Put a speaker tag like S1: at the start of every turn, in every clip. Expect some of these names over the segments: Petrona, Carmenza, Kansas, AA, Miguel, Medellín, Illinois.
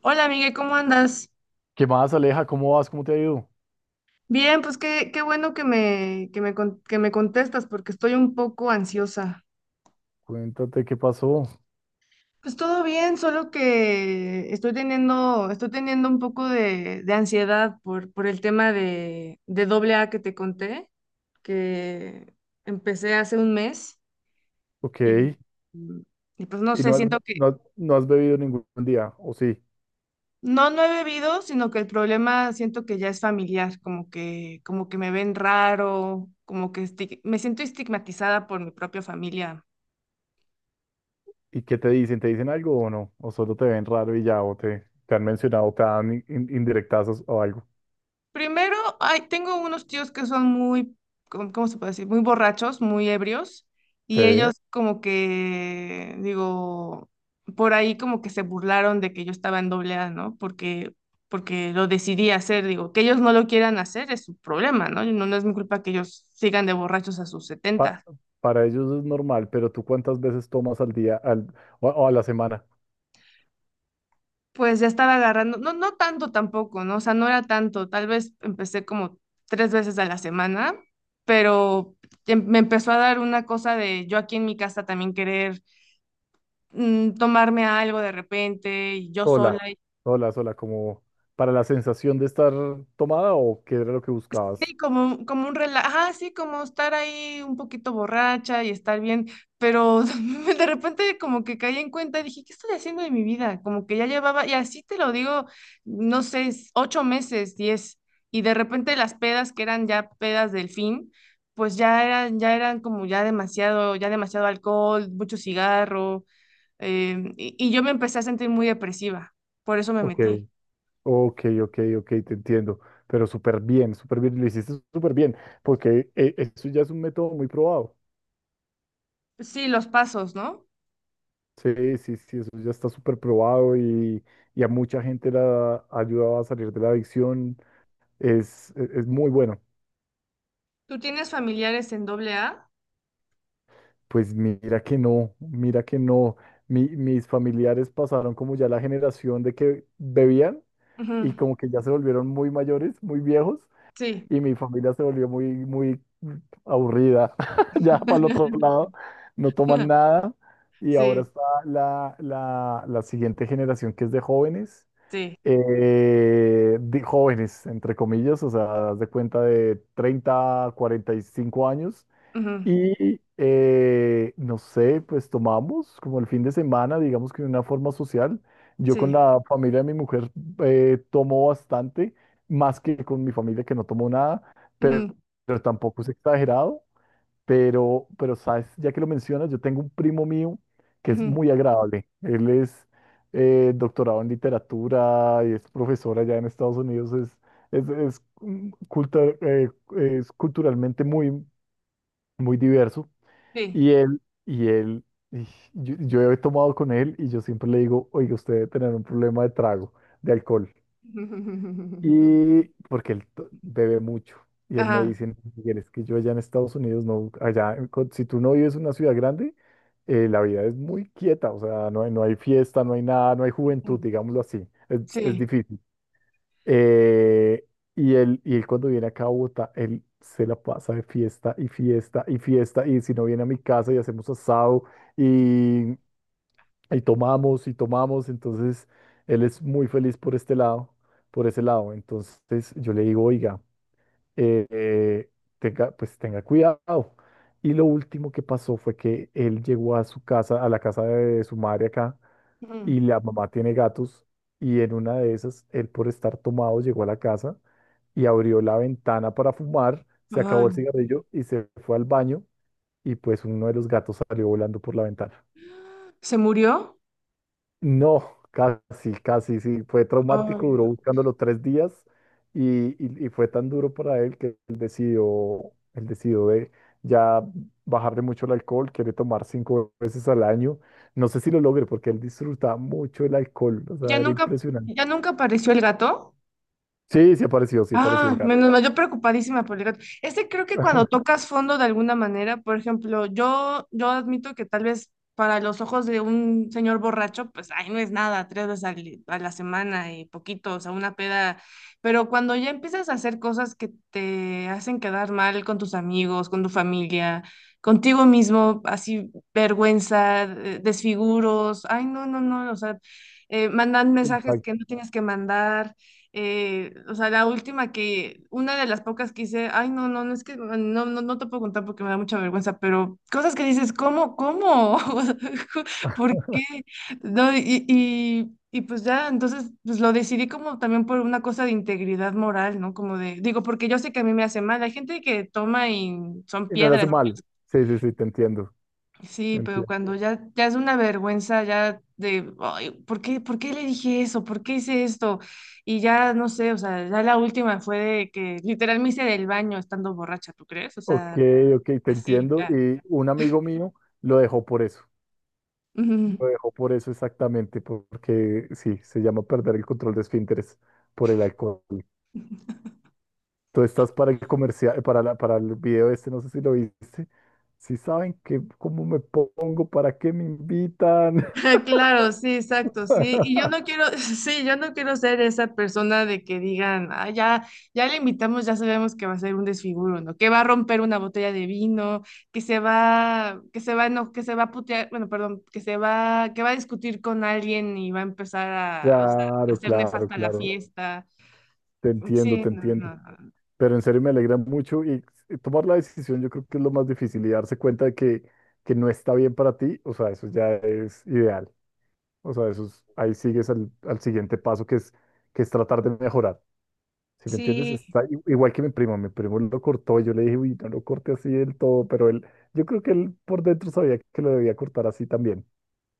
S1: Hola, Miguel, ¿cómo andas?
S2: ¿Qué más, Aleja? ¿Cómo vas? ¿Cómo te ha ido?
S1: Bien, pues qué bueno que me contestas porque estoy un poco ansiosa.
S2: Cuéntate qué pasó.
S1: Pues todo bien, solo que estoy teniendo un poco de ansiedad por el tema de doble A que te conté, que empecé hace un mes
S2: Ok.
S1: y, y pues no
S2: ¿Y
S1: sé,
S2: no has,
S1: siento que
S2: no has bebido ningún día? ¿O sí?
S1: no, no he bebido, sino que el problema siento que ya es familiar, como que me ven raro, como que me siento estigmatizada por mi propia familia.
S2: ¿Y qué te dicen? ¿Te dicen algo o no? ¿O solo te ven raro y ya? ¿O te han mencionado, te dan indirectazos o algo?
S1: Primero, ay, tengo unos tíos que son muy, cómo se puede decir? Muy borrachos, muy ebrios, y
S2: Sí.
S1: ellos como que, digo, por ahí como que se burlaron de que yo estaba en doble A, ¿no? Porque lo decidí hacer, digo, que ellos no lo quieran hacer es su problema, ¿no? No, no es mi culpa que ellos sigan de borrachos a sus
S2: Pa-
S1: setenta.
S2: para ellos es normal, pero ¿tú cuántas veces tomas al día al, o a la semana?
S1: Pues ya estaba agarrando, no, no tanto tampoco, ¿no? O sea, no era tanto, tal vez empecé como tres veces a la semana, pero me empezó a dar una cosa de yo aquí en mi casa también querer tomarme algo de repente, y yo sola.
S2: Sola, sola, sola, como para la sensación de estar tomada o qué era lo que
S1: Sí,
S2: buscabas?
S1: como, como un relajo, ajá, sí, como estar ahí un poquito borracha y estar bien, pero de repente como que caí en cuenta, dije, ¿qué estoy haciendo de mi vida? Como que ya llevaba, y así te lo digo, no sé, ocho meses, diez, y de repente las pedas que eran ya pedas del fin, pues ya eran como ya demasiado alcohol, mucho cigarro, y yo me empecé a sentir muy depresiva, por eso me
S2: Ok.
S1: metí.
S2: Ok, ok, ok, te entiendo, pero súper bien, lo hiciste súper bien, porque eso ya es un método muy probado.
S1: Sí, los pasos, ¿no?
S2: Sí, sí, sí, eso ya está súper probado y a mucha gente la ha ayudado a salir de la adicción, es, es muy bueno.
S1: ¿Tú tienes familiares en doble A?
S2: Pues mira que no, mira que no. Mis familiares pasaron como ya la generación de que bebían y como que ya se volvieron muy mayores, muy viejos
S1: Sí,
S2: y mi familia se volvió muy, muy aburrida. Ya para el otro lado, no toman nada. Y ahora
S1: sí,
S2: está la, la, la siguiente generación que es
S1: sí,
S2: de jóvenes, entre comillas, o sea, haz de cuenta de 30-45 años,
S1: ujú,
S2: y no sé, pues tomamos como el fin de semana, digamos que de una forma social. Yo con
S1: sí,
S2: la familia de mi mujer tomo bastante, más que con mi familia que no tomo nada, pero,
S1: ujú,
S2: pero tampoco es exagerado. Pero, sabes, ya que lo mencionas, yo tengo un primo mío que es
S1: ujú,
S2: muy agradable. Él es doctorado en literatura y es profesor allá en Estados Unidos. Es, es culturalmente muy, muy diverso
S1: sí.
S2: y él, y él, y yo he tomado con él y yo siempre le digo, oiga, usted debe tener un problema de trago, de alcohol. Y porque bebe mucho. Y él me
S1: Ajá,
S2: dice: "No, Miguel, es que yo allá en Estados Unidos, no, allá, en si tú no vives en una ciudad grande, la vida es muy quieta, o sea, no hay, no hay fiesta, no hay nada, no hay juventud, digámoslo así. Es
S1: sí.
S2: difícil. Eh, y él cuando viene acá a Bogotá, él se la pasa de fiesta y fiesta y fiesta. Y si no viene a mi casa y hacemos asado y, y tomamos y tomamos. Entonces, él es muy feliz por este lado, por ese lado. Entonces, yo le digo, oiga, eh, eh, tenga, pues tenga cuidado. Y lo último que pasó fue que él llegó a su casa, a la casa de su madre acá
S1: Ujú.
S2: y la mamá tiene gatos y en una de esas, él por estar tomado llegó a la casa y abrió la ventana para fumar, se
S1: Ay,
S2: acabó el cigarrillo y se fue al baño y pues uno de los gatos salió volando por la ventana.
S1: ¿se murió?
S2: No, casi, casi, sí, fue traumático,
S1: Ay,
S2: duró buscándolo 3 días y fue tan duro para él que él decidió de ya bajarle mucho el alcohol, quiere tomar 5 veces al año. No sé si lo logre porque él disfrutaba mucho el alcohol, o sea,
S1: ¿ya
S2: era
S1: nunca,
S2: impresionante.
S1: ya nunca apareció el gato?
S2: Sí, sí apareció el
S1: Ah,
S2: gato.
S1: menos mal, yo preocupadísima por el gato. Este creo que cuando tocas fondo de alguna manera, por ejemplo, yo admito que tal vez para los ojos de un señor borracho, pues ay no es nada, tres veces a la semana y poquito, o sea, una peda. Pero cuando ya empiezas a hacer cosas que te hacen quedar mal con tus amigos, con tu familia, contigo mismo, así vergüenza, desfiguros, ay, no, no, no, o sea, mandan mensajes
S2: Exacto.
S1: que no tienes que mandar. O sea, la última que, una de las pocas que hice, ay, no, no, no es que, no, no, no te puedo contar porque me da mucha vergüenza, pero cosas que dices, cómo? O sea, ¿por qué? No, y pues ya, entonces, pues lo decidí como también por una cosa de integridad moral, ¿no? Como de, digo, porque yo sé que a mí me hace mal, hay gente que toma y son
S2: Y no le hace
S1: piedras.
S2: No. mal. Sí, sí, sí, te entiendo. Te
S1: Sí, pero
S2: entiendo.
S1: cuando ya, ya es una vergüenza, ya de, "Ay, por qué le dije eso? ¿Por qué hice esto? Y ya, no sé, o sea, ya la última fue de que literal me hice del baño estando borracha, ¿tú crees? O
S2: Ok,
S1: sea,
S2: ok, te
S1: así,
S2: entiendo.
S1: ya.
S2: Y un amigo mío lo dejó por eso.
S1: Ujú.
S2: Lo dejó por eso exactamente, porque sí, se llama perder el control de esfínteres por el alcohol. Tú estás para el comercial, para el video este, no sé si lo viste. Si saben que cómo me pongo, para qué me invitan.
S1: Claro, sí, exacto, sí. Y yo no quiero, sí, yo no quiero ser esa persona de que digan, ah, ya, ya le invitamos, ya sabemos que va a ser un desfiguro, ¿no? Que va a romper una botella de vino, que se va, no, que se va a putear, bueno, perdón, que va a discutir con alguien y va a empezar a, o sea, a
S2: Claro,
S1: hacer
S2: claro,
S1: nefasta la
S2: claro.
S1: fiesta.
S2: Te entiendo,
S1: Sí,
S2: te
S1: no,
S2: entiendo.
S1: no, no. No.
S2: Pero en serio me alegra mucho y tomar la decisión yo creo que es lo más difícil y darse cuenta de que no está bien para ti, o sea, eso ya es ideal, o sea, ahí sigues al, al siguiente paso que es tratar de mejorar, ¿sí me entiendes?
S1: Sí,
S2: Está igual que mi primo lo cortó, y yo le dije, uy, no lo corte así del todo, pero él, yo creo que él por dentro sabía que lo debía cortar así también,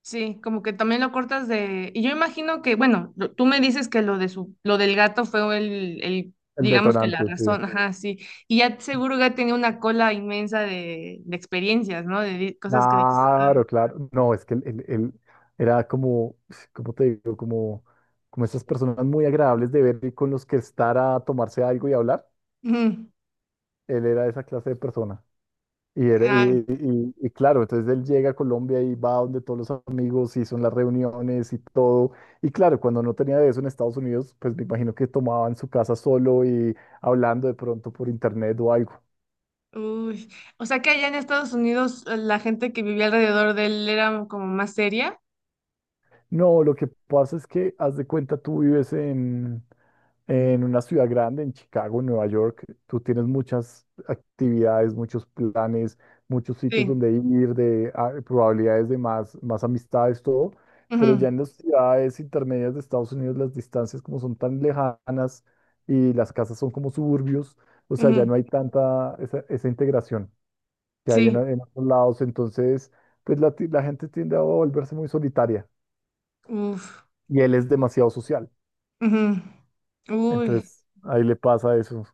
S1: sí, como que también lo cortas de... Y yo imagino que, bueno, tú me dices que lo de su, lo del gato fue el,
S2: el
S1: digamos que la
S2: detonante, sí.
S1: razón, ajá, sí. Y ya seguro ya tenía una cola inmensa de experiencias, ¿no? De cosas que dices.
S2: Claro, claro. No, es que él, él era como, ¿cómo te digo? Como, como esas personas muy agradables de ver y con los que estar a tomarse algo y hablar.
S1: "Ujú,
S2: Él era esa clase de persona. Y, era,
S1: ay,
S2: y, y claro, entonces él llega a Colombia y va donde todos los amigos y son las reuniones y todo. Y claro, cuando no tenía de eso en Estados Unidos, pues me imagino que tomaba en su casa solo y hablando de pronto por internet o algo.
S1: uy". O sea que allá en Estados Unidos la gente que vivía alrededor de él era como más seria.
S2: No, lo que pasa es que, haz de cuenta, tú vives en... En una ciudad grande, en Chicago, en Nueva York, tú tienes muchas actividades, muchos planes, muchos sitios
S1: Sí.
S2: donde ir, de ah, probabilidades de más, más amistades, todo. Pero
S1: Ujú,
S2: ya en las ciudades intermedias de Estados Unidos, las distancias como son tan lejanas y las casas son como suburbios, o sea, ya
S1: ujú,
S2: no hay tanta esa, esa integración que hay
S1: sí.
S2: en otros lados. Entonces, pues la, la gente tiende a volverse muy solitaria
S1: Uf.
S2: y él es demasiado social.
S1: Ujú, uy.
S2: Entonces, ahí le pasa eso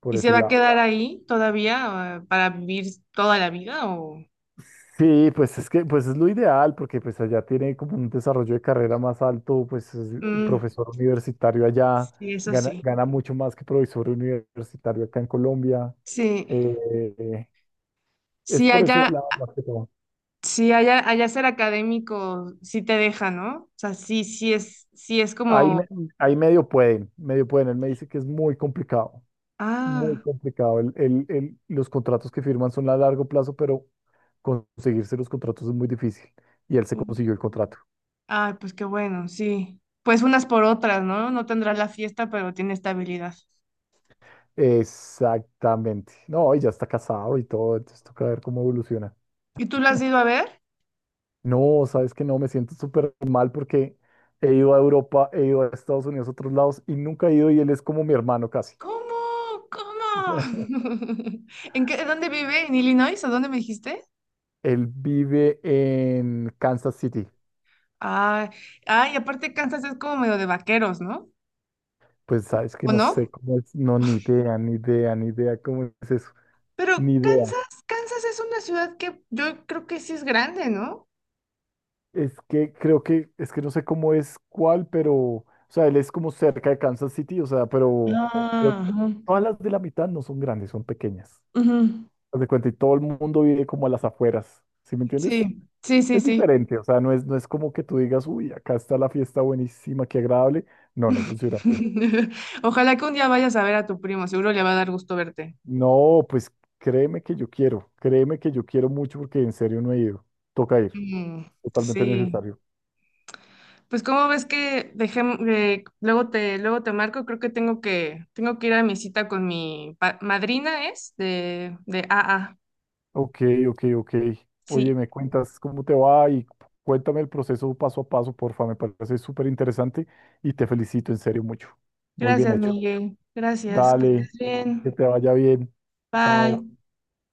S2: por
S1: ¿Y se
S2: ese
S1: va a
S2: lado.
S1: quedar ahí todavía para vivir toda la vida o?
S2: Sí, pues es que pues es lo ideal porque pues allá tiene como un desarrollo de carrera más alto, pues es un
S1: Mm,
S2: profesor universitario allá,
S1: sí, eso
S2: gana,
S1: sí.
S2: gana mucho más que profesor universitario acá en Colombia.
S1: Sí,
S2: Eh, es
S1: sí
S2: por ese
S1: allá,
S2: lado más que todo.
S1: sí allá, allá ser académico sí te deja, ¿no? O sea, sí es
S2: Ahí,
S1: como,
S2: me- ahí medio pueden, medio pueden. Él me dice que es muy complicado, muy
S1: ah,
S2: complicado. Los contratos que firman son a largo plazo, pero conseguirse los contratos es muy difícil. Y él se
S1: uf,
S2: consiguió el contrato.
S1: ay, pues qué bueno, sí. Pues unas por otras, ¿no? No tendrá la fiesta, pero tiene estabilidad.
S2: Exactamente. No, y ya está casado y todo, entonces toca ver cómo evoluciona.
S1: ¿Y tú la has ido a ver?
S2: No, sabes que no, me siento súper mal porque he ido a Europa, he ido a Estados Unidos, a otros lados y nunca he ido y él es como mi hermano casi.
S1: ¿Cómo? ¿Cómo? ¿En qué, dónde vive? ¿En Illinois? ¿O dónde me dijiste?
S2: Él vive en Kansas City.
S1: Ah, ah, y aparte Kansas es como medio de vaqueros, ¿no?
S2: Pues sabes que
S1: ¿O
S2: no
S1: no?
S2: sé cómo es, no, ni idea, ni idea, ni idea cómo es eso,
S1: Pero
S2: ni idea.
S1: Kansas es una ciudad que yo creo que sí es grande, ¿no?
S2: Es que creo que, es que no sé cómo es cuál, pero, o sea, él es como cerca de Kansas City, o sea, pero creo
S1: Ah,
S2: que
S1: ajá,
S2: todas las de la mitad no son grandes, son pequeñas.
S1: ujú.
S2: Haz de cuenta, y todo el mundo vive como a las afueras, ¿sí me entiendes?
S1: Sí, sí, sí,
S2: Es
S1: sí.
S2: diferente, o sea, no es, no es como que tú digas, uy, acá está la fiesta buenísima, qué agradable. No, no funciona así.
S1: Ojalá que un día vayas a ver a tu primo, seguro le va a dar gusto verte.
S2: No, pues créeme que yo quiero, créeme que yo quiero mucho porque en serio no he ido. Toca ir,
S1: Mm,
S2: totalmente
S1: sí.
S2: necesario.
S1: Pues cómo ves que dejemos, luego te marco, creo que tengo que ir a mi cita con mi madrina, ¿es? De AA.
S2: Ok, ok, ok. Oye,
S1: Sí.
S2: me cuentas cómo te va y cuéntame el proceso paso a paso, porfa. Me parece súper interesante y te felicito en serio mucho. Muy bien
S1: Gracias,
S2: hecho.
S1: Miguel. Gracias. Que estés
S2: Dale, que
S1: bien.
S2: te vaya bien. Chao.
S1: Bye.